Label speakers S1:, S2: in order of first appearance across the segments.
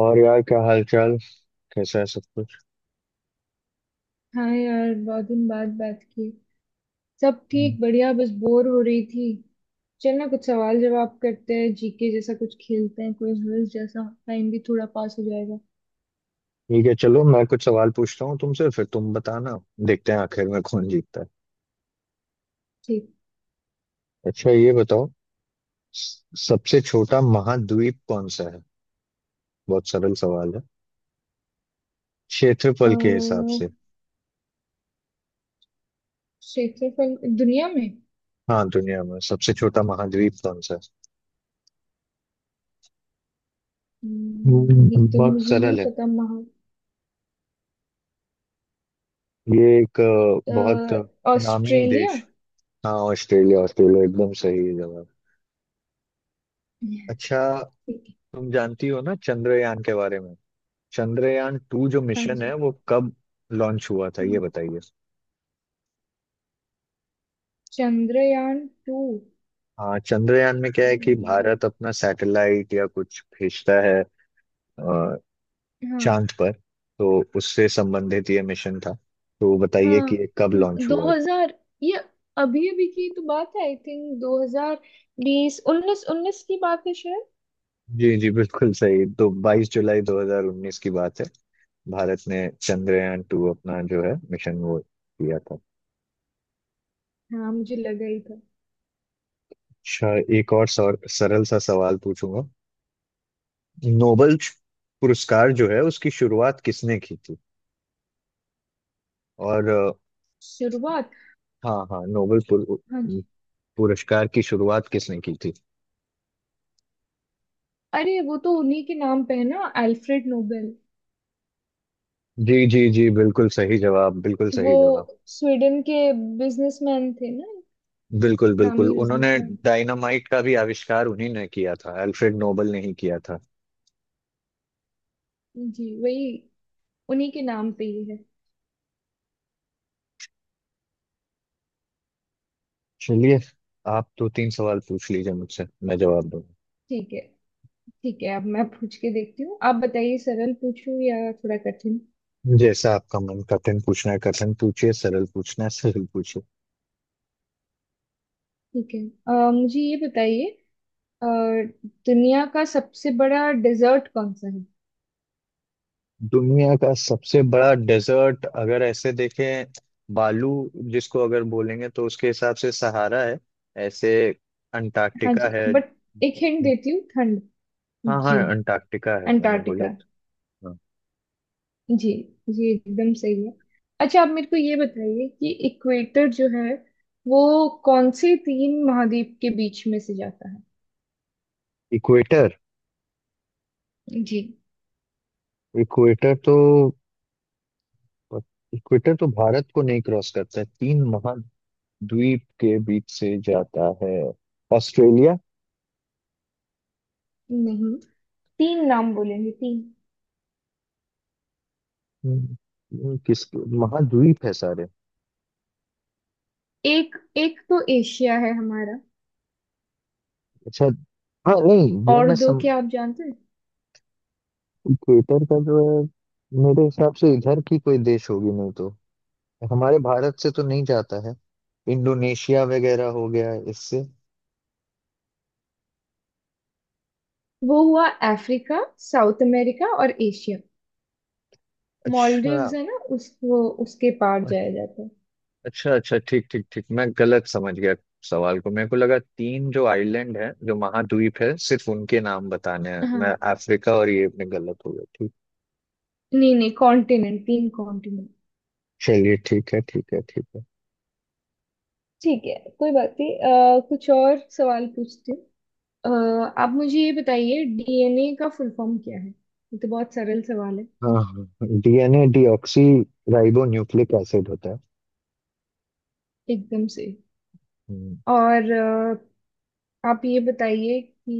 S1: और यार, क्या हाल चाल? कैसा है सब कुछ?
S2: हाँ यार, बहुत दिन बाद बात की। सब
S1: हम्म।
S2: ठीक, बढ़िया, बस बोर हो रही थी। चल ना, कुछ सवाल जवाब करते हैं, जीके जैसा कुछ खेलते हैं, क्विज विज जैसा, टाइम भी थोड़ा पास हो जाएगा।
S1: ठीक है, चलो मैं कुछ सवाल पूछता हूँ तुमसे, फिर तुम बताना। देखते हैं आखिर में कौन जीतता है।
S2: ठीक।
S1: अच्छा, ये बताओ। सबसे छोटा महाद्वीप कौन सा है? बहुत सरल सवाल है। क्षेत्रफल के हिसाब
S2: अह,
S1: से।
S2: क्षेत्रफल दुनिया में।
S1: हाँ, दुनिया में सबसे छोटा महाद्वीप कौन सा है?
S2: ये तो
S1: बहुत
S2: मुझे नहीं
S1: सरल है।
S2: पता महा
S1: ये एक बहुत नामी
S2: ऑस्ट्रेलिया।
S1: देश। हाँ, ऑस्ट्रेलिया, ऑस्ट्रेलिया, एकदम सही जवाब।
S2: ठीक
S1: अच्छा।
S2: है।
S1: तुम जानती हो ना चंद्रयान के बारे में? चंद्रयान टू जो
S2: हाँ
S1: मिशन
S2: जी।
S1: है वो कब लॉन्च हुआ था, ये
S2: हम्म,
S1: बताइए।
S2: चंद्रयान टू।
S1: हाँ, चंद्रयान में क्या है कि भारत अपना सैटेलाइट या कुछ भेजता है अ,
S2: हाँ
S1: चांद पर। तो उससे संबंधित ये मिशन था। तो बताइए
S2: हाँ
S1: कि ये कब
S2: हाँ,
S1: लॉन्च
S2: दो
S1: हुआ।
S2: हजार, ये अभी अभी की तो बात है। आई थिंक दो हजार बीस, उन्नीस उन्नीस की बात है शायद।
S1: जी जी, बिल्कुल सही। तो 22 जुलाई 2019 की बात है। भारत ने चंद्रयान टू अपना जो है मिशन वो किया था।
S2: हाँ, मुझे लगा ही था।
S1: अच्छा। एक और सरल सा सवाल पूछूंगा। नोबल पुरस्कार जो है उसकी शुरुआत किसने की थी? और,
S2: शुरुआत।
S1: हाँ हाँ, नोबेल
S2: हाँ जी।
S1: पुरस्कार की शुरुआत किसने की थी?
S2: अरे, वो तो उन्हीं के नाम पे है ना, अल्फ्रेड नोबेल।
S1: जी जी जी, बिल्कुल सही जवाब, बिल्कुल
S2: वो
S1: सही जवाब।
S2: स्वीडन के बिजनेसमैन थे ना,
S1: बिल्कुल बिल्कुल,
S2: नामी
S1: उन्होंने
S2: बिजनेसमैन।
S1: डायनामाइट का भी आविष्कार उन्हीं ने किया था, अल्फ्रेड नोबेल ने ही किया था।
S2: जी, वही उन्हीं के नाम पे ही है।
S1: चलिए, आप दो तीन सवाल पूछ लीजिए मुझसे, मैं जवाब दूंगा।
S2: ठीक है। ठीक है, अब मैं पूछ के देखती हूँ। आप बताइए, सरल पूछूं या थोड़ा कठिन।
S1: जैसा आपका मन, कठिन पूछना है कठिन पूछिए, सरल पूछना है सरल।
S2: ठीक है। मुझे ये बताइए, अ, दुनिया का सबसे बड़ा डेजर्ट कौन सा है।
S1: दुनिया का सबसे बड़ा डेजर्ट अगर ऐसे देखें, बालू जिसको अगर बोलेंगे तो उसके हिसाब से सहारा है। ऐसे
S2: हाँ
S1: अंटार्कटिका
S2: जी,
S1: है।
S2: बट एक हिंट देती हूँ, ठंड।
S1: हाँ हाँ,
S2: जी,
S1: अंटार्कटिका है, मैंने बोला
S2: अंटार्कटिका।
S1: था। हाँ।
S2: जी जी, एकदम सही है। अच्छा, आप मेरे को ये बताइए कि इक्वेटर जो है वो कौन से तीन महाद्वीप के बीच में से जाता है।
S1: इक्वेटर,
S2: जी।
S1: इक्वेटर तो, इक्वेटर तो भारत को नहीं क्रॉस करता है। तीन महाद्वीप के बीच से जाता है। ऑस्ट्रेलिया।
S2: नहीं, तीन नाम बोलेंगे, तीन।
S1: हम्म, किस महाद्वीप है सारे?
S2: एक एक तो एशिया है हमारा,
S1: अच्छा। हाँ, नहीं, वो
S2: और
S1: मैं
S2: दो
S1: सम
S2: क्या आप जानते हैं।
S1: थिएटर का जो है, मेरे हिसाब से इधर की कोई देश होगी, नहीं तो हमारे भारत से तो नहीं जाता है। इंडोनेशिया वगैरह हो गया इससे।
S2: वो हुआ अफ्रीका, साउथ अमेरिका और एशिया।
S1: अच्छा
S2: मॉलडीव्स है ना, उस वो उसके पार जाया जाता है।
S1: अच्छा। अच्छा अच्छा, ठीक ठीक ठीक, मैं गलत समझ गया सवाल को। मेरे को लगा तीन जो आइलैंड है, जो महाद्वीप है, सिर्फ उनके नाम बताने हैं।
S2: हाँ।
S1: मैं अफ्रीका और ये में गलत हो गया। ठीक।
S2: नहीं नहीं कॉन्टिनेंट, तीन कॉन्टिनेंट।
S1: चलिए, ठीक है, ठीक है, ठीक है।
S2: ठीक है, कोई बात नहीं। कुछ और सवाल पूछती हूँ। अ, आप मुझे ये बताइए, डीएनए का फुल फॉर्म क्या है, ये तो बहुत सरल सवाल है।
S1: हाँ हाँ, DNA deoxyribonucleic acid होता
S2: एकदम से।
S1: है।
S2: और आप ये बताइए कि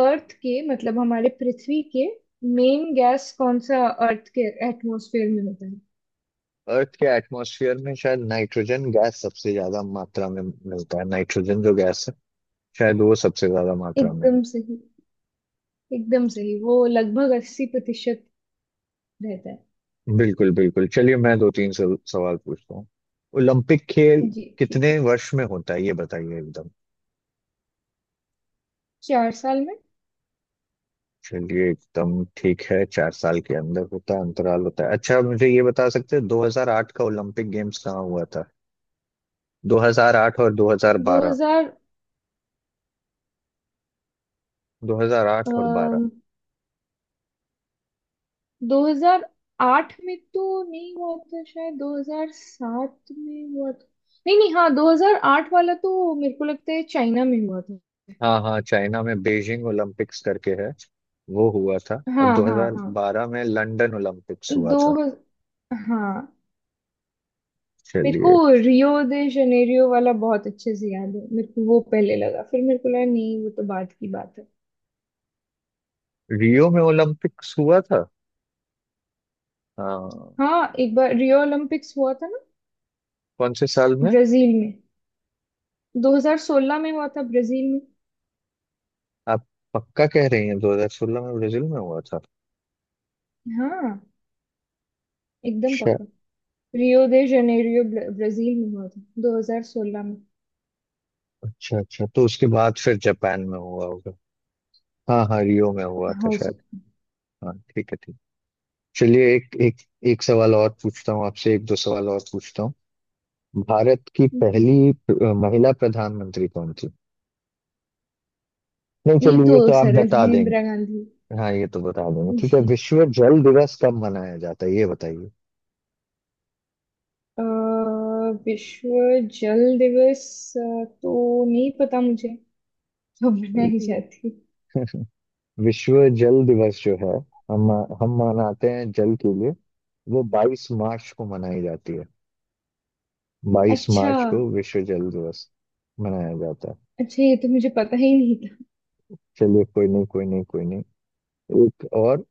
S2: अर्थ के, मतलब हमारे पृथ्वी के मेन गैस कौन सा अर्थ के एटमॉस्फेयर में होता है।
S1: अर्थ के एटमॉस्फेयर में शायद नाइट्रोजन गैस सबसे ज्यादा मात्रा में मिलता है। नाइट्रोजन जो गैस है, शायद वो सबसे ज्यादा मात्रा में है।
S2: एकदम सही, एकदम सही। वो लगभग 80% रहता है।
S1: बिल्कुल बिल्कुल, चलिए मैं दो तीन सवाल पूछता हूँ। ओलंपिक खेल
S2: जी, ठीक है।
S1: कितने वर्ष में होता है, ये बताइए एकदम।
S2: चार साल में।
S1: चलिए, एकदम ठीक है, 4 साल के अंदर होता है, अंतराल होता है। अच्छा, मुझे ये बता सकते हैं, 2008 का ओलंपिक गेम्स कहाँ हुआ था? 2008 और 2012,
S2: 2000।
S1: 2008 और 12।
S2: अम, 2008 में तो नहीं हुआ था, शायद 2007 में हुआ था। नहीं नहीं, हाँ, 2008 वाला तो मेरे को लगता है चाइना में हुआ था।
S1: हाँ हाँ, चाइना में बीजिंग ओलंपिक्स करके है, वो हुआ था।
S2: हाँ
S1: और
S2: हाँ हाँ।
S1: 2012 में लंदन ओलंपिक्स हुआ
S2: दो
S1: था।
S2: हज- हाँ, मेरे को
S1: चलिए।
S2: रियो दे जनेरियो वाला बहुत अच्छे से याद है। मेरे को वो पहले लगा, फिर मेरे को लगा नहीं, वो तो बाद की बात है।
S1: रियो में ओलंपिक्स हुआ था? हाँ।
S2: हाँ, एक बार रियो ओलंपिक्स हुआ था ना,
S1: कौन से साल में?
S2: ब्राजील में। 2016 में हुआ था, ब्राजील में।
S1: आप पक्का कह रही हैं 2016 में ब्राजील में हुआ था?
S2: हाँ, एकदम
S1: अच्छा।
S2: पक्का। रियो दे जनेरियो, ब्राजील में हुआ था, 2016 में।
S1: अच्छा अच्छा, तो उसके बाद फिर जापान में हुआ होगा। हाँ हाँ, रियो में हुआ था
S2: हो
S1: शायद।
S2: सकता।
S1: हाँ, ठीक है, ठीक। चलिए, एक एक, एक सवाल और पूछता हूँ आपसे, एक दो सवाल और पूछता हूँ। भारत की
S2: जी,
S1: पहली महिला प्रधानमंत्री कौन थी? नहीं,
S2: ये
S1: चलिए,
S2: तो
S1: ये तो आप
S2: सरल
S1: बता
S2: है,
S1: दें।
S2: इंदिरा गांधी।
S1: हाँ, ये तो बता देंगे। ठीक है,
S2: ये,
S1: विश्व जल दिवस कब मनाया जाता है, ये बताइए।
S2: अ, विश्व जल दिवस तो नहीं पता मुझे कब मनाई जाती है।
S1: विश्व जल दिवस जो है, हम हम मनाते हैं जल के लिए, वो 22 मार्च को मनाई जाती है। 22
S2: अच्छा।
S1: मार्च को विश्व जल दिवस मनाया जाता है।
S2: अच्छा, ये तो मुझे पता ही नहीं था।
S1: चलिए, कोई नहीं, कोई नहीं, कोई नहीं। एक और,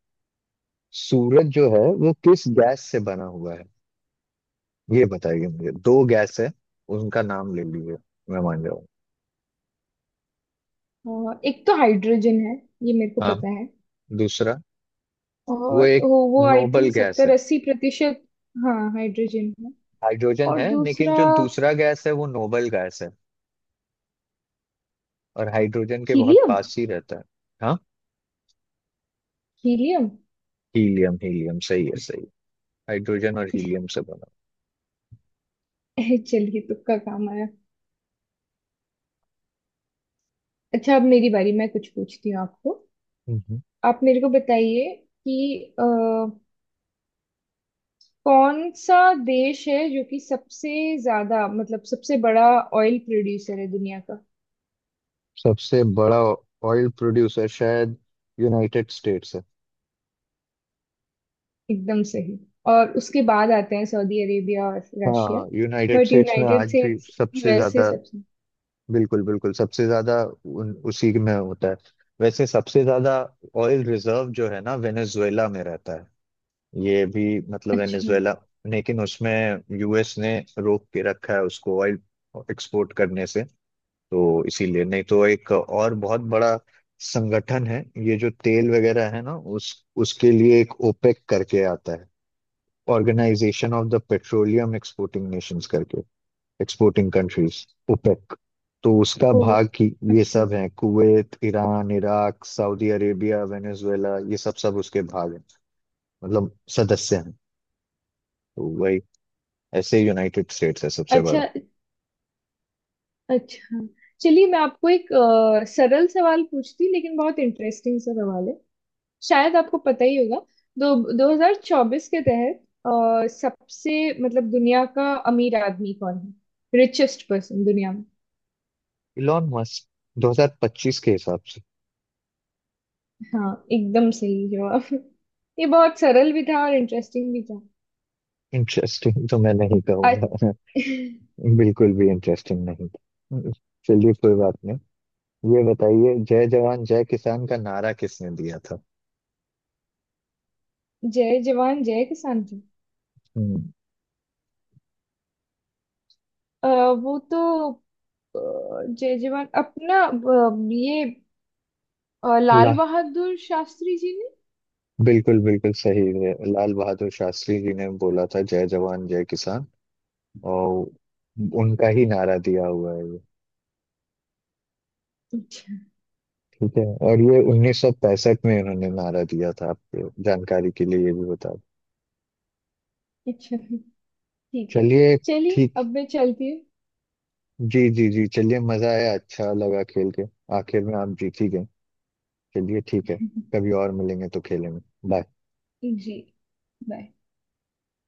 S1: सूरज जो है वो किस गैस से बना हुआ है, ये बताइए मुझे। दो गैस है, उनका नाम ले लीजिए, मैं मान जाऊँ।
S2: एक तो हाइड्रोजन है, ये मेरे को
S1: हाँ।
S2: पता है।
S1: दूसरा? वो
S2: और
S1: एक
S2: वो आई
S1: नोबल
S2: थिंक
S1: गैस
S2: सत्तर
S1: है।
S2: अस्सी प्रतिशत हाँ, हाइड्रोजन है।
S1: हाइड्रोजन
S2: और
S1: है, लेकिन
S2: दूसरा
S1: जो दूसरा गैस है वो नोबल गैस है, और हाइड्रोजन के बहुत
S2: हीलियम,
S1: पास ही रहता है। हाँ,
S2: हीलियम।
S1: हीलियम। हीलियम सही है, सही है। हाइड्रोजन और हीलियम से बना।
S2: चलिए, तुक्का काम आया। अच्छा, अब मेरी बारी, मैं कुछ पूछती हूँ आपको।
S1: हम्म।
S2: आप मेरे को बताइए कि कौन सा देश है जो कि सबसे ज्यादा, मतलब सबसे बड़ा ऑयल प्रोड्यूसर है दुनिया का।
S1: सबसे बड़ा ऑयल प्रोड्यूसर शायद यूनाइटेड स्टेट्स है।
S2: एकदम सही। और उसके बाद आते हैं सऊदी अरेबिया और रशिया।
S1: हाँ, यूनाइटेड
S2: बट
S1: स्टेट्स में
S2: यूनाइटेड
S1: आज भी
S2: स्टेट्स,
S1: सबसे
S2: यूएसए
S1: ज्यादा।
S2: सबसे।
S1: बिल्कुल बिल्कुल, सबसे ज्यादा उसी में होता है। वैसे सबसे ज्यादा ऑयल रिजर्व जो है ना, वेनेजुएला में रहता है। ये भी, मतलब
S2: अच्छा।
S1: वेनेजुएला। लेकिन उसमें यूएस ने रोक के रखा है उसको ऑयल एक्सपोर्ट करने से। तो इसीलिए, नहीं तो एक और बहुत बड़ा संगठन है। ये जो तेल वगैरह है ना, उस उसके लिए एक ओपेक करके आता है। Organization of the petroleum exporting nations करके, एक्सपोर्टिंग कंट्रीज, ओपेक। तो उसका
S2: ओ,
S1: भाग की ये
S2: अच्छा।
S1: सब है, Kuwait, Iran, Iraq, Saudi Arabia, Venezuela, ये सब सब उसके भाग हैं, मतलब सदस्य हैं। तो वही, ऐसे यूनाइटेड स्टेट्स है सबसे बड़ा।
S2: अच्छा, अच्छा। चलिए, मैं आपको एक सरल सवाल पूछती, लेकिन बहुत इंटरेस्टिंग सा सवाल है, शायद आपको पता ही होगा। दो 2024 के तहत सबसे, मतलब दुनिया का अमीर आदमी कौन है, रिचेस्ट पर्सन दुनिया में।
S1: इलॉन मस्क, 2025 के हिसाब से।
S2: हाँ, एकदम सही जवाब। ये बहुत सरल भी था और इंटरेस्टिंग भी था।
S1: इंटरेस्टिंग तो मैं नहीं
S2: आज-
S1: कहूंगा। बिल्कुल भी इंटरेस्टिंग नहीं था। चलिए, कोई बात नहीं। ये बताइए, जय जवान जय किसान का नारा किसने दिया था?
S2: जय जवान जय किसान का।
S1: हम्म,
S2: अ, वो तो अ, जय जवान अपना ये
S1: ला
S2: लाल बहादुर शास्त्री जी ने।
S1: बिल्कुल बिल्कुल सही है, लाल बहादुर शास्त्री जी ने बोला था जय जवान जय किसान, और उनका ही नारा दिया हुआ है ये।
S2: अच्छा।
S1: ठीक है। और ये 1965 में उन्होंने नारा दिया था, आपको जानकारी के लिए ये भी बता दूं।
S2: अच्छा, ठीक है।
S1: चलिए।
S2: चलिए,
S1: ठीक।
S2: अब मैं चलती हूँ।
S1: जी जी जी, चलिए, मजा आया, अच्छा लगा खेल के। आखिर में आप जीत ही गए। चलिए, ठीक है। कभी और मिलेंगे तो खेलेंगे। बाय।
S2: जी, बाय।